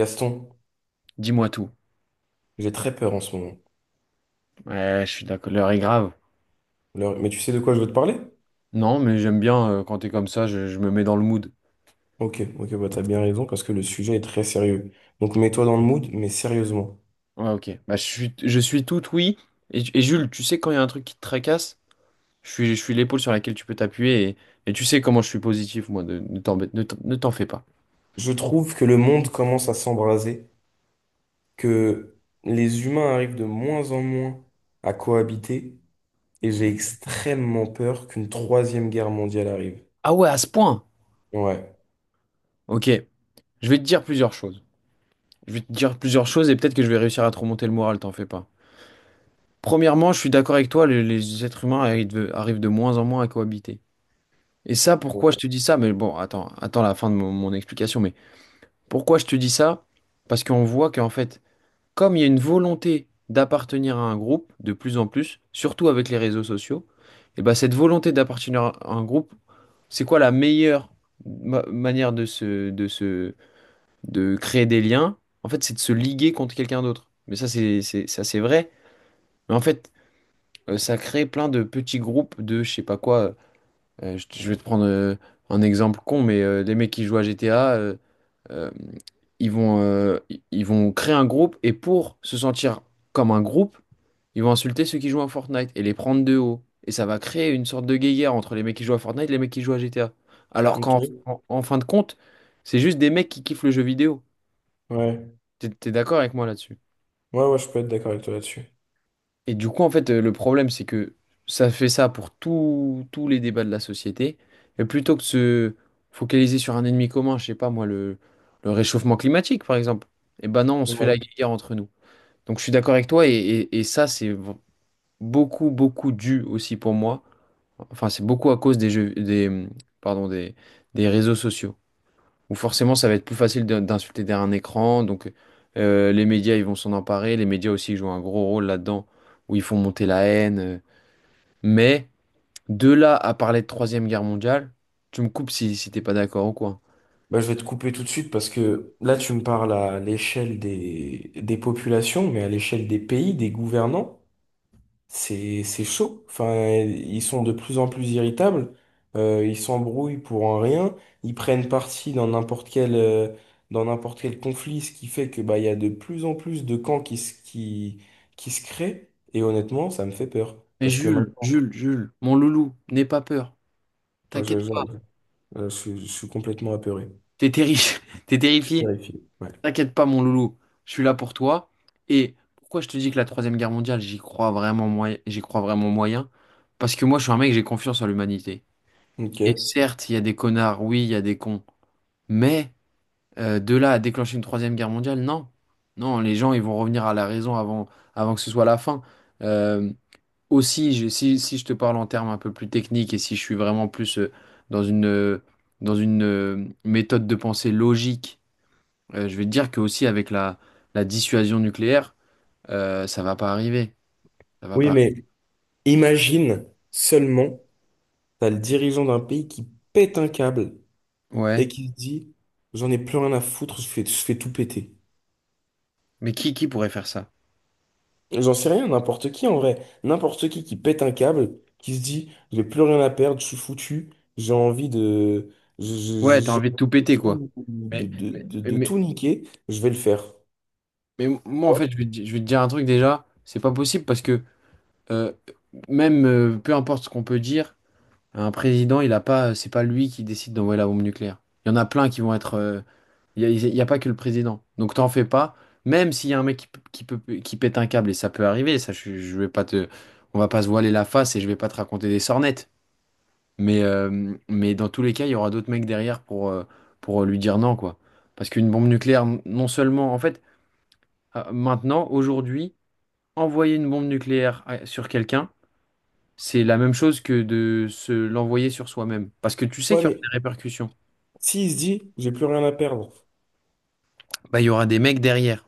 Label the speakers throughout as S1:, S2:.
S1: Gaston,
S2: Dis-moi tout.
S1: j'ai très peur en ce moment.
S2: Ouais, je suis d'accord. L'heure est grave.
S1: Mais tu sais de quoi je veux te parler?
S2: Non, mais j'aime bien quand t'es comme ça, je me mets dans le mood.
S1: Ok, ok, bah t'as bien raison parce que le sujet est très sérieux. Donc mets-toi dans le mood, mais sérieusement.
S2: Ouais, ok. Bah, je suis tout oui. Et Jules, tu sais quand il y a un truc qui te tracasse, je suis l'épaule sur laquelle tu peux t'appuyer et tu sais comment je suis positif, moi. Ne t'en fais pas.
S1: Je trouve que le monde commence à s'embraser, que les humains arrivent de moins en moins à cohabiter, et j'ai extrêmement peur qu'une troisième guerre mondiale arrive.
S2: Ah ouais, à ce point.
S1: Ouais.
S2: Ok. Je vais te dire plusieurs choses. Je vais te dire plusieurs choses et peut-être que je vais réussir à te remonter le moral, t'en fais pas. Premièrement, je suis d'accord avec toi, les êtres humains arrivent de moins en moins à cohabiter. Et ça,
S1: Bon.
S2: pourquoi je te dis ça? Mais bon, attends la fin de mon explication. Mais pourquoi je te dis ça? Parce qu'on voit qu'en fait, comme il y a une volonté d'appartenir à un groupe de plus en plus, surtout avec les réseaux sociaux, et ben cette volonté d'appartenir à un groupe, c'est quoi la meilleure manière de se, de créer des liens? En fait, c'est de se liguer contre quelqu'un d'autre. Mais ça, ça, c'est vrai. Mais en fait, ça crée plein de petits groupes de je sais pas quoi. Je vais te prendre un exemple con, mais les mecs qui jouent à GTA, euh, ils vont créer un groupe et pour se sentir comme un groupe, ils vont insulter ceux qui jouent à Fortnite et les prendre de haut. Et ça va créer une sorte de guéguerre entre les mecs qui jouent à Fortnite et les mecs qui jouent à GTA. Alors qu'en
S1: Ok.
S2: en, en fin de compte, c'est juste des mecs qui kiffent le jeu vidéo.
S1: Ouais.
S2: T'es d'accord avec moi là-dessus?
S1: Ouais, ouais, je peux être d'accord avec toi là-dessus.
S2: Et du coup, en fait, le problème, c'est que ça fait ça pour tous les débats de la société. Et plutôt que de se focaliser sur un ennemi commun, je sais pas moi, le réchauffement climatique, par exemple, eh ben non, on se fait
S1: Ouais.
S2: la guerre entre nous. Donc je suis d'accord avec toi, et ça, beaucoup, beaucoup dû aussi pour moi. Enfin, c'est beaucoup à cause des jeux, des, pardon, des réseaux sociaux où forcément ça va être plus facile d'insulter derrière un écran. Donc les médias, ils vont s'en emparer. Les médias aussi jouent un gros rôle là-dedans, où ils font monter la haine. Mais de là à parler de Troisième Guerre mondiale, tu me coupes si t'es pas d'accord ou quoi.
S1: Bah, je vais te couper tout de suite parce que là, tu me parles à l'échelle des populations, mais à l'échelle des pays, des gouvernants, c'est chaud. Enfin, ils sont de plus en plus irritables, ils s'embrouillent pour un rien, ils prennent parti dans n'importe quel conflit, ce qui fait que bah, il y a de plus en plus de camps qui se créent. Et honnêtement, ça me fait peur
S2: Mais
S1: parce que
S2: Jules,
S1: maintenant,
S2: Jules, Jules, mon loulou, n'aie pas peur.
S1: je, je,
S2: T'inquiète pas,
S1: je, je suis complètement apeuré.
S2: t'es terrifié. T'es
S1: Je suis
S2: terrifié.
S1: terrifié. Ouais.
S2: T'inquiète pas, mon loulou. Je suis là pour toi. Et pourquoi je te dis que la Troisième Guerre mondiale, j'y crois vraiment moyen, j'y crois vraiment moyen? Parce que moi, je suis un mec, j'ai confiance en l'humanité. Et
S1: Ok.
S2: certes, il y a des connards, oui, il y a des cons, mais de là à déclencher une troisième guerre mondiale, non. Non, les gens, ils vont revenir à la raison avant que ce soit la fin. Euh, aussi, si je te parle en termes un peu plus techniques et si je suis vraiment plus dans une, euh, dans une méthode de pensée logique, je vais te dire que aussi avec la dissuasion nucléaire, ça va pas arriver. Ça va
S1: Oui,
S2: pas.
S1: mais. Imagine seulement, t'as le dirigeant d'un pays qui pète un câble et
S2: Ouais.
S1: qui se dit, j'en ai plus rien à foutre, je fais tout péter.
S2: Mais qui pourrait faire ça?
S1: J'en sais rien, n'importe qui en vrai. N'importe qui pète un câble, qui se dit, j'ai plus rien à perdre, je suis foutu, j'ai envie de,
S2: Ouais, t'as envie de tout
S1: j'ai
S2: péter, quoi.
S1: envie de tout,
S2: Mais, mais,
S1: de
S2: mais-
S1: tout niquer, je vais le faire.
S2: Mais moi, en
S1: Ouais,
S2: fait, je vais te dire un truc déjà, c'est pas possible parce que euh, même peu importe ce qu'on peut dire, un président, il a pas, c'est pas lui qui décide d'envoyer la bombe nucléaire. Il y en a plein qui vont être. Il y a pas que le président. Donc t'en fais pas, même s'il y a un mec qui, p- qui peut, qui pète un câble, et ça peut arriver, ça, je vais pas te, on va pas se voiler la face et je vais pas te raconter des sornettes. Mais dans tous les cas, il y aura d'autres mecs derrière pour lui dire non, quoi. Parce qu'une bombe nucléaire, non seulement, en fait, maintenant, aujourd'hui, envoyer une bombe nucléaire sur quelqu'un, c'est la même chose que de se l'envoyer sur soi-même. Parce que tu sais
S1: ouais,
S2: qu'il y aura
S1: mais
S2: des répercussions.
S1: s'il se dit, j'ai plus rien à perdre.
S2: Bah, il y aura des mecs derrière.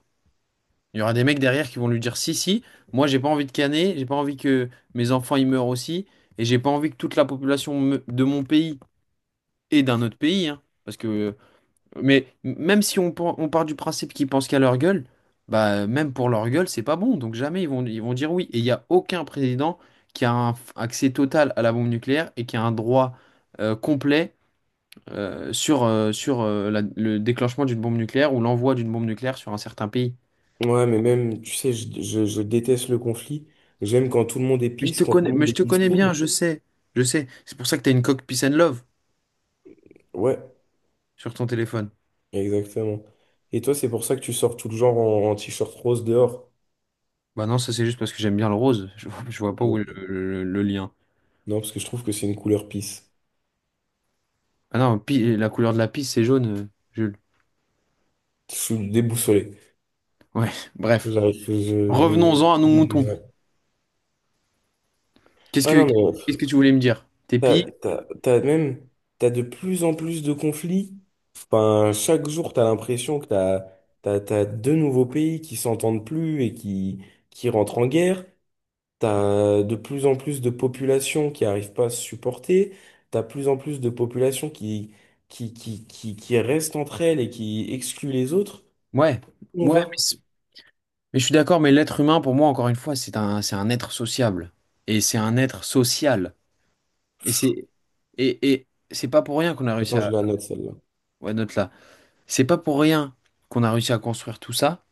S2: Il y aura des mecs derrière qui vont lui dire, si, si, moi j'ai pas envie de caner, j'ai pas envie que mes enfants y meurent aussi, et j'ai pas envie que toute la population de mon pays et d'un autre pays, hein, parce que mais même si on part du principe qu'ils pensent qu'à leur gueule, bah même pour leur gueule, c'est pas bon. Donc jamais ils vont dire oui. Et il n'y a aucun président qui a un accès total à la bombe nucléaire et qui a un droit complet sur le déclenchement d'une bombe nucléaire ou l'envoi d'une bombe nucléaire sur un certain pays.
S1: Ouais, mais même, tu sais, je déteste le conflit. J'aime quand tout le monde est
S2: Mais je
S1: peace,
S2: te
S1: quand tout
S2: connais,
S1: le
S2: mais
S1: monde
S2: je
S1: est
S2: te connais bien,
S1: peaceful.
S2: je sais. Je sais. C'est pour ça que t'as une coque Peace and Love
S1: Ouais,
S2: sur ton téléphone.
S1: exactement. Et toi, c'est pour ça que tu sors tout le genre en, en t-shirt rose dehors?
S2: Bah non, ça c'est juste parce que j'aime bien le rose. Je vois
S1: Ok,
S2: pas où est
S1: ok.
S2: le lien.
S1: Non, parce que je trouve que c'est une couleur peace.
S2: Ah non, la couleur de la piste, c'est jaune, Jules.
S1: Je suis déboussolé.
S2: Ouais, bref.
S1: J'arrive.
S2: Revenons-en à nos moutons.
S1: Ouais.
S2: Qu'est-ce
S1: Ah
S2: que,
S1: non, mais
S2: qu'est-ce que tu voulais me dire? T'es pis?
S1: t'as même, t'as de plus en plus de conflits. Enfin, chaque jour, t'as l'impression que t'as deux nouveaux pays qui s'entendent plus et qui rentrent en guerre. T'as de plus en plus de populations qui arrivent pas à se supporter. T'as de plus en plus de populations qui restent entre elles et qui excluent les autres.
S2: Ouais,
S1: Où on
S2: ouais, mais,
S1: va.
S2: c'est- mais je suis d'accord, mais l'être humain, pour moi, encore une fois, c'est un, être sociable. Et c'est un être social. Et c'est, et c'est pas pour rien qu'on a réussi
S1: Attends,
S2: à,
S1: je la note celle-là.
S2: ouais, note là. C'est pas pour rien qu'on a réussi à construire tout ça.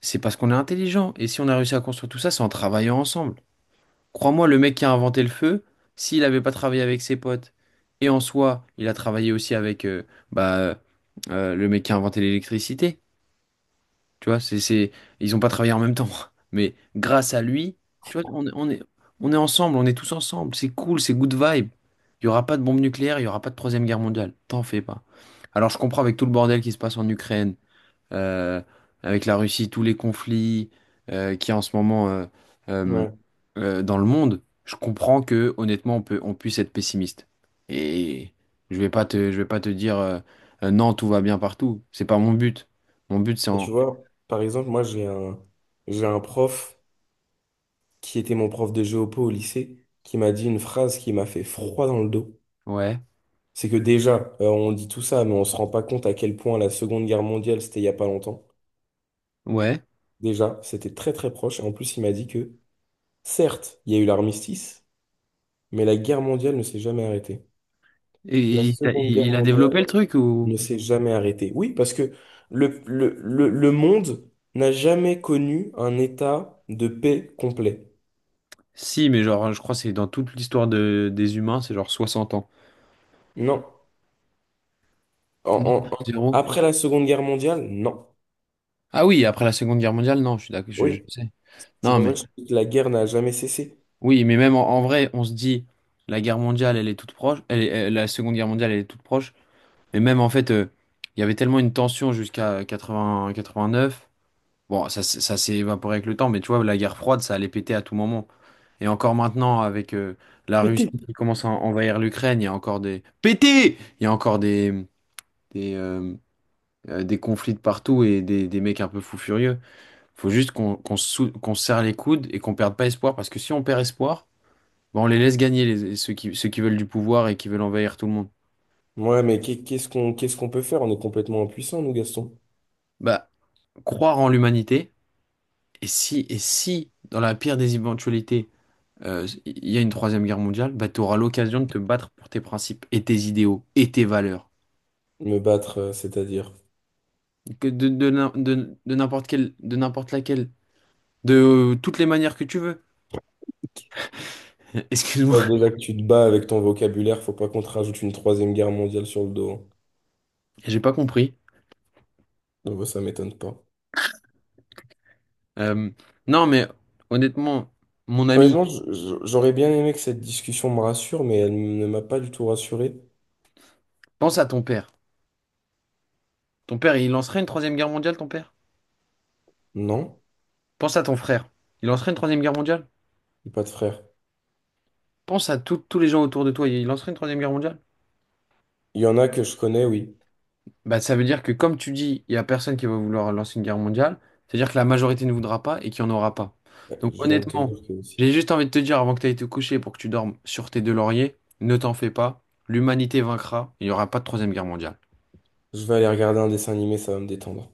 S2: C'est parce qu'on est intelligent. Et si on a réussi à construire tout ça, c'est en travaillant ensemble. Crois-moi, le mec qui a inventé le feu, s'il n'avait pas travaillé avec ses potes, et en soi, il a travaillé aussi avec bah, le mec qui a inventé l'électricité, tu vois, ils ont pas travaillé en même temps. Mais grâce à lui, tu vois, on est ensemble, on est tous ensemble, c'est cool, c'est good vibe. Il n'y aura pas de bombe nucléaire, il n'y aura pas de troisième guerre mondiale, t'en fais pas. Alors je comprends avec tout le bordel qui se passe en Ukraine, euh, avec la Russie, tous les conflits qu'il y a en ce moment euh,
S1: Ouais.
S2: dans le monde, je comprends que honnêtement on puisse être pessimiste. Et je vais pas te dire non, tout va bien partout. C'est pas mon but. Mon but c'est
S1: Et tu
S2: en...
S1: vois, par exemple, j'ai un prof qui était mon prof de géopo au lycée qui m'a dit une phrase qui m'a fait froid dans le dos.
S2: Ouais,
S1: C'est que déjà, on dit tout ça, mais on se rend pas compte à quel point la Seconde Guerre mondiale, c'était il y a pas longtemps.
S2: ouais.
S1: Déjà, c'était très très proche. Et en plus, il m'a dit que, certes, il y a eu l'armistice, mais la guerre mondiale ne s'est jamais arrêtée. La
S2: Et, et il a
S1: Seconde Guerre
S2: il a développé
S1: mondiale
S2: le truc ou...
S1: ne s'est jamais arrêtée. Oui, parce que le monde n'a jamais connu un état de paix complet.
S2: Si, mais genre, je crois que c'est dans toute l'histoire des humains, c'est genre 60 ans.
S1: Non. En-
S2: Non,
S1: en- en-
S2: zéro.
S1: Après la Seconde Guerre mondiale, non.
S2: Ah oui, après la Seconde Guerre mondiale, non, je suis d'accord, je
S1: Oui.
S2: sais.
S1: C'est
S2: Non,
S1: pour ça
S2: mais...
S1: que je dis que la guerre n'a jamais cessé.
S2: Oui, mais même en vrai, on se dit, la guerre mondiale, elle est toute proche, la Seconde Guerre mondiale, elle est toute proche, mais même en fait, il y avait tellement une tension jusqu'à 80, 89, bon, ça s'est évaporé avec le temps, mais tu vois, la guerre froide, ça allait péter à tout moment. Et encore maintenant, avec la
S1: Pété.
S2: Russie qui commence à envahir l'Ukraine, il y a encore des... Pété! Il y a encore des, euh, des conflits de partout et des mecs un peu fous furieux. Faut juste qu'on se serre les coudes et qu'on perde pas espoir, parce que si on perd espoir... Bah, on les laisse gagner, ceux qui veulent du pouvoir et qui veulent envahir tout le monde.
S1: Ouais, mais qu'est-ce qu'on peut faire? On est complètement impuissants, nous, Gaston.
S2: Bah, croire en l'humanité, et si, dans la pire des éventualités, il y a une troisième guerre mondiale, bah, tu auras l'occasion de te battre pour tes principes et tes idéaux et tes valeurs.
S1: Me battre, c'est-à-dire.
S2: Que de n'importe quelle, de n'importe laquelle, de toutes les manières que tu veux. Excuse-moi,
S1: Déjà que tu te bats avec ton vocabulaire, faut pas qu'on te rajoute une troisième guerre mondiale sur le dos, hein.
S2: j'ai pas compris.
S1: Donc ouais, ça m'étonne pas.
S2: Euh, non, mais honnêtement, mon ami,
S1: Honnêtement, j'aurais bien aimé que cette discussion me rassure, mais elle ne m'a pas du tout rassuré.
S2: pense à ton père. Ton père, il lancerait une troisième guerre mondiale, ton père?
S1: Non,
S2: Pense à ton frère. Il lancerait une troisième guerre mondiale?
S1: j'ai pas de frère.
S2: Pense à tous les gens autour de toi, ils lanceraient une troisième guerre mondiale?
S1: Il y en a que je connais, oui.
S2: Bah, ça veut dire que, comme tu dis, il n'y a personne qui va vouloir lancer une guerre mondiale, c'est-à-dire que la majorité ne voudra pas et qu'il n'y en aura pas. Donc,
S1: Je viens de te
S2: honnêtement,
S1: dire que aussi.
S2: j'ai juste envie de te dire, avant que tu ailles te coucher pour que tu dormes sur tes deux lauriers, ne t'en fais pas, l'humanité vaincra, il n'y aura pas de troisième guerre mondiale.
S1: Je vais aller regarder un dessin animé, ça va me détendre.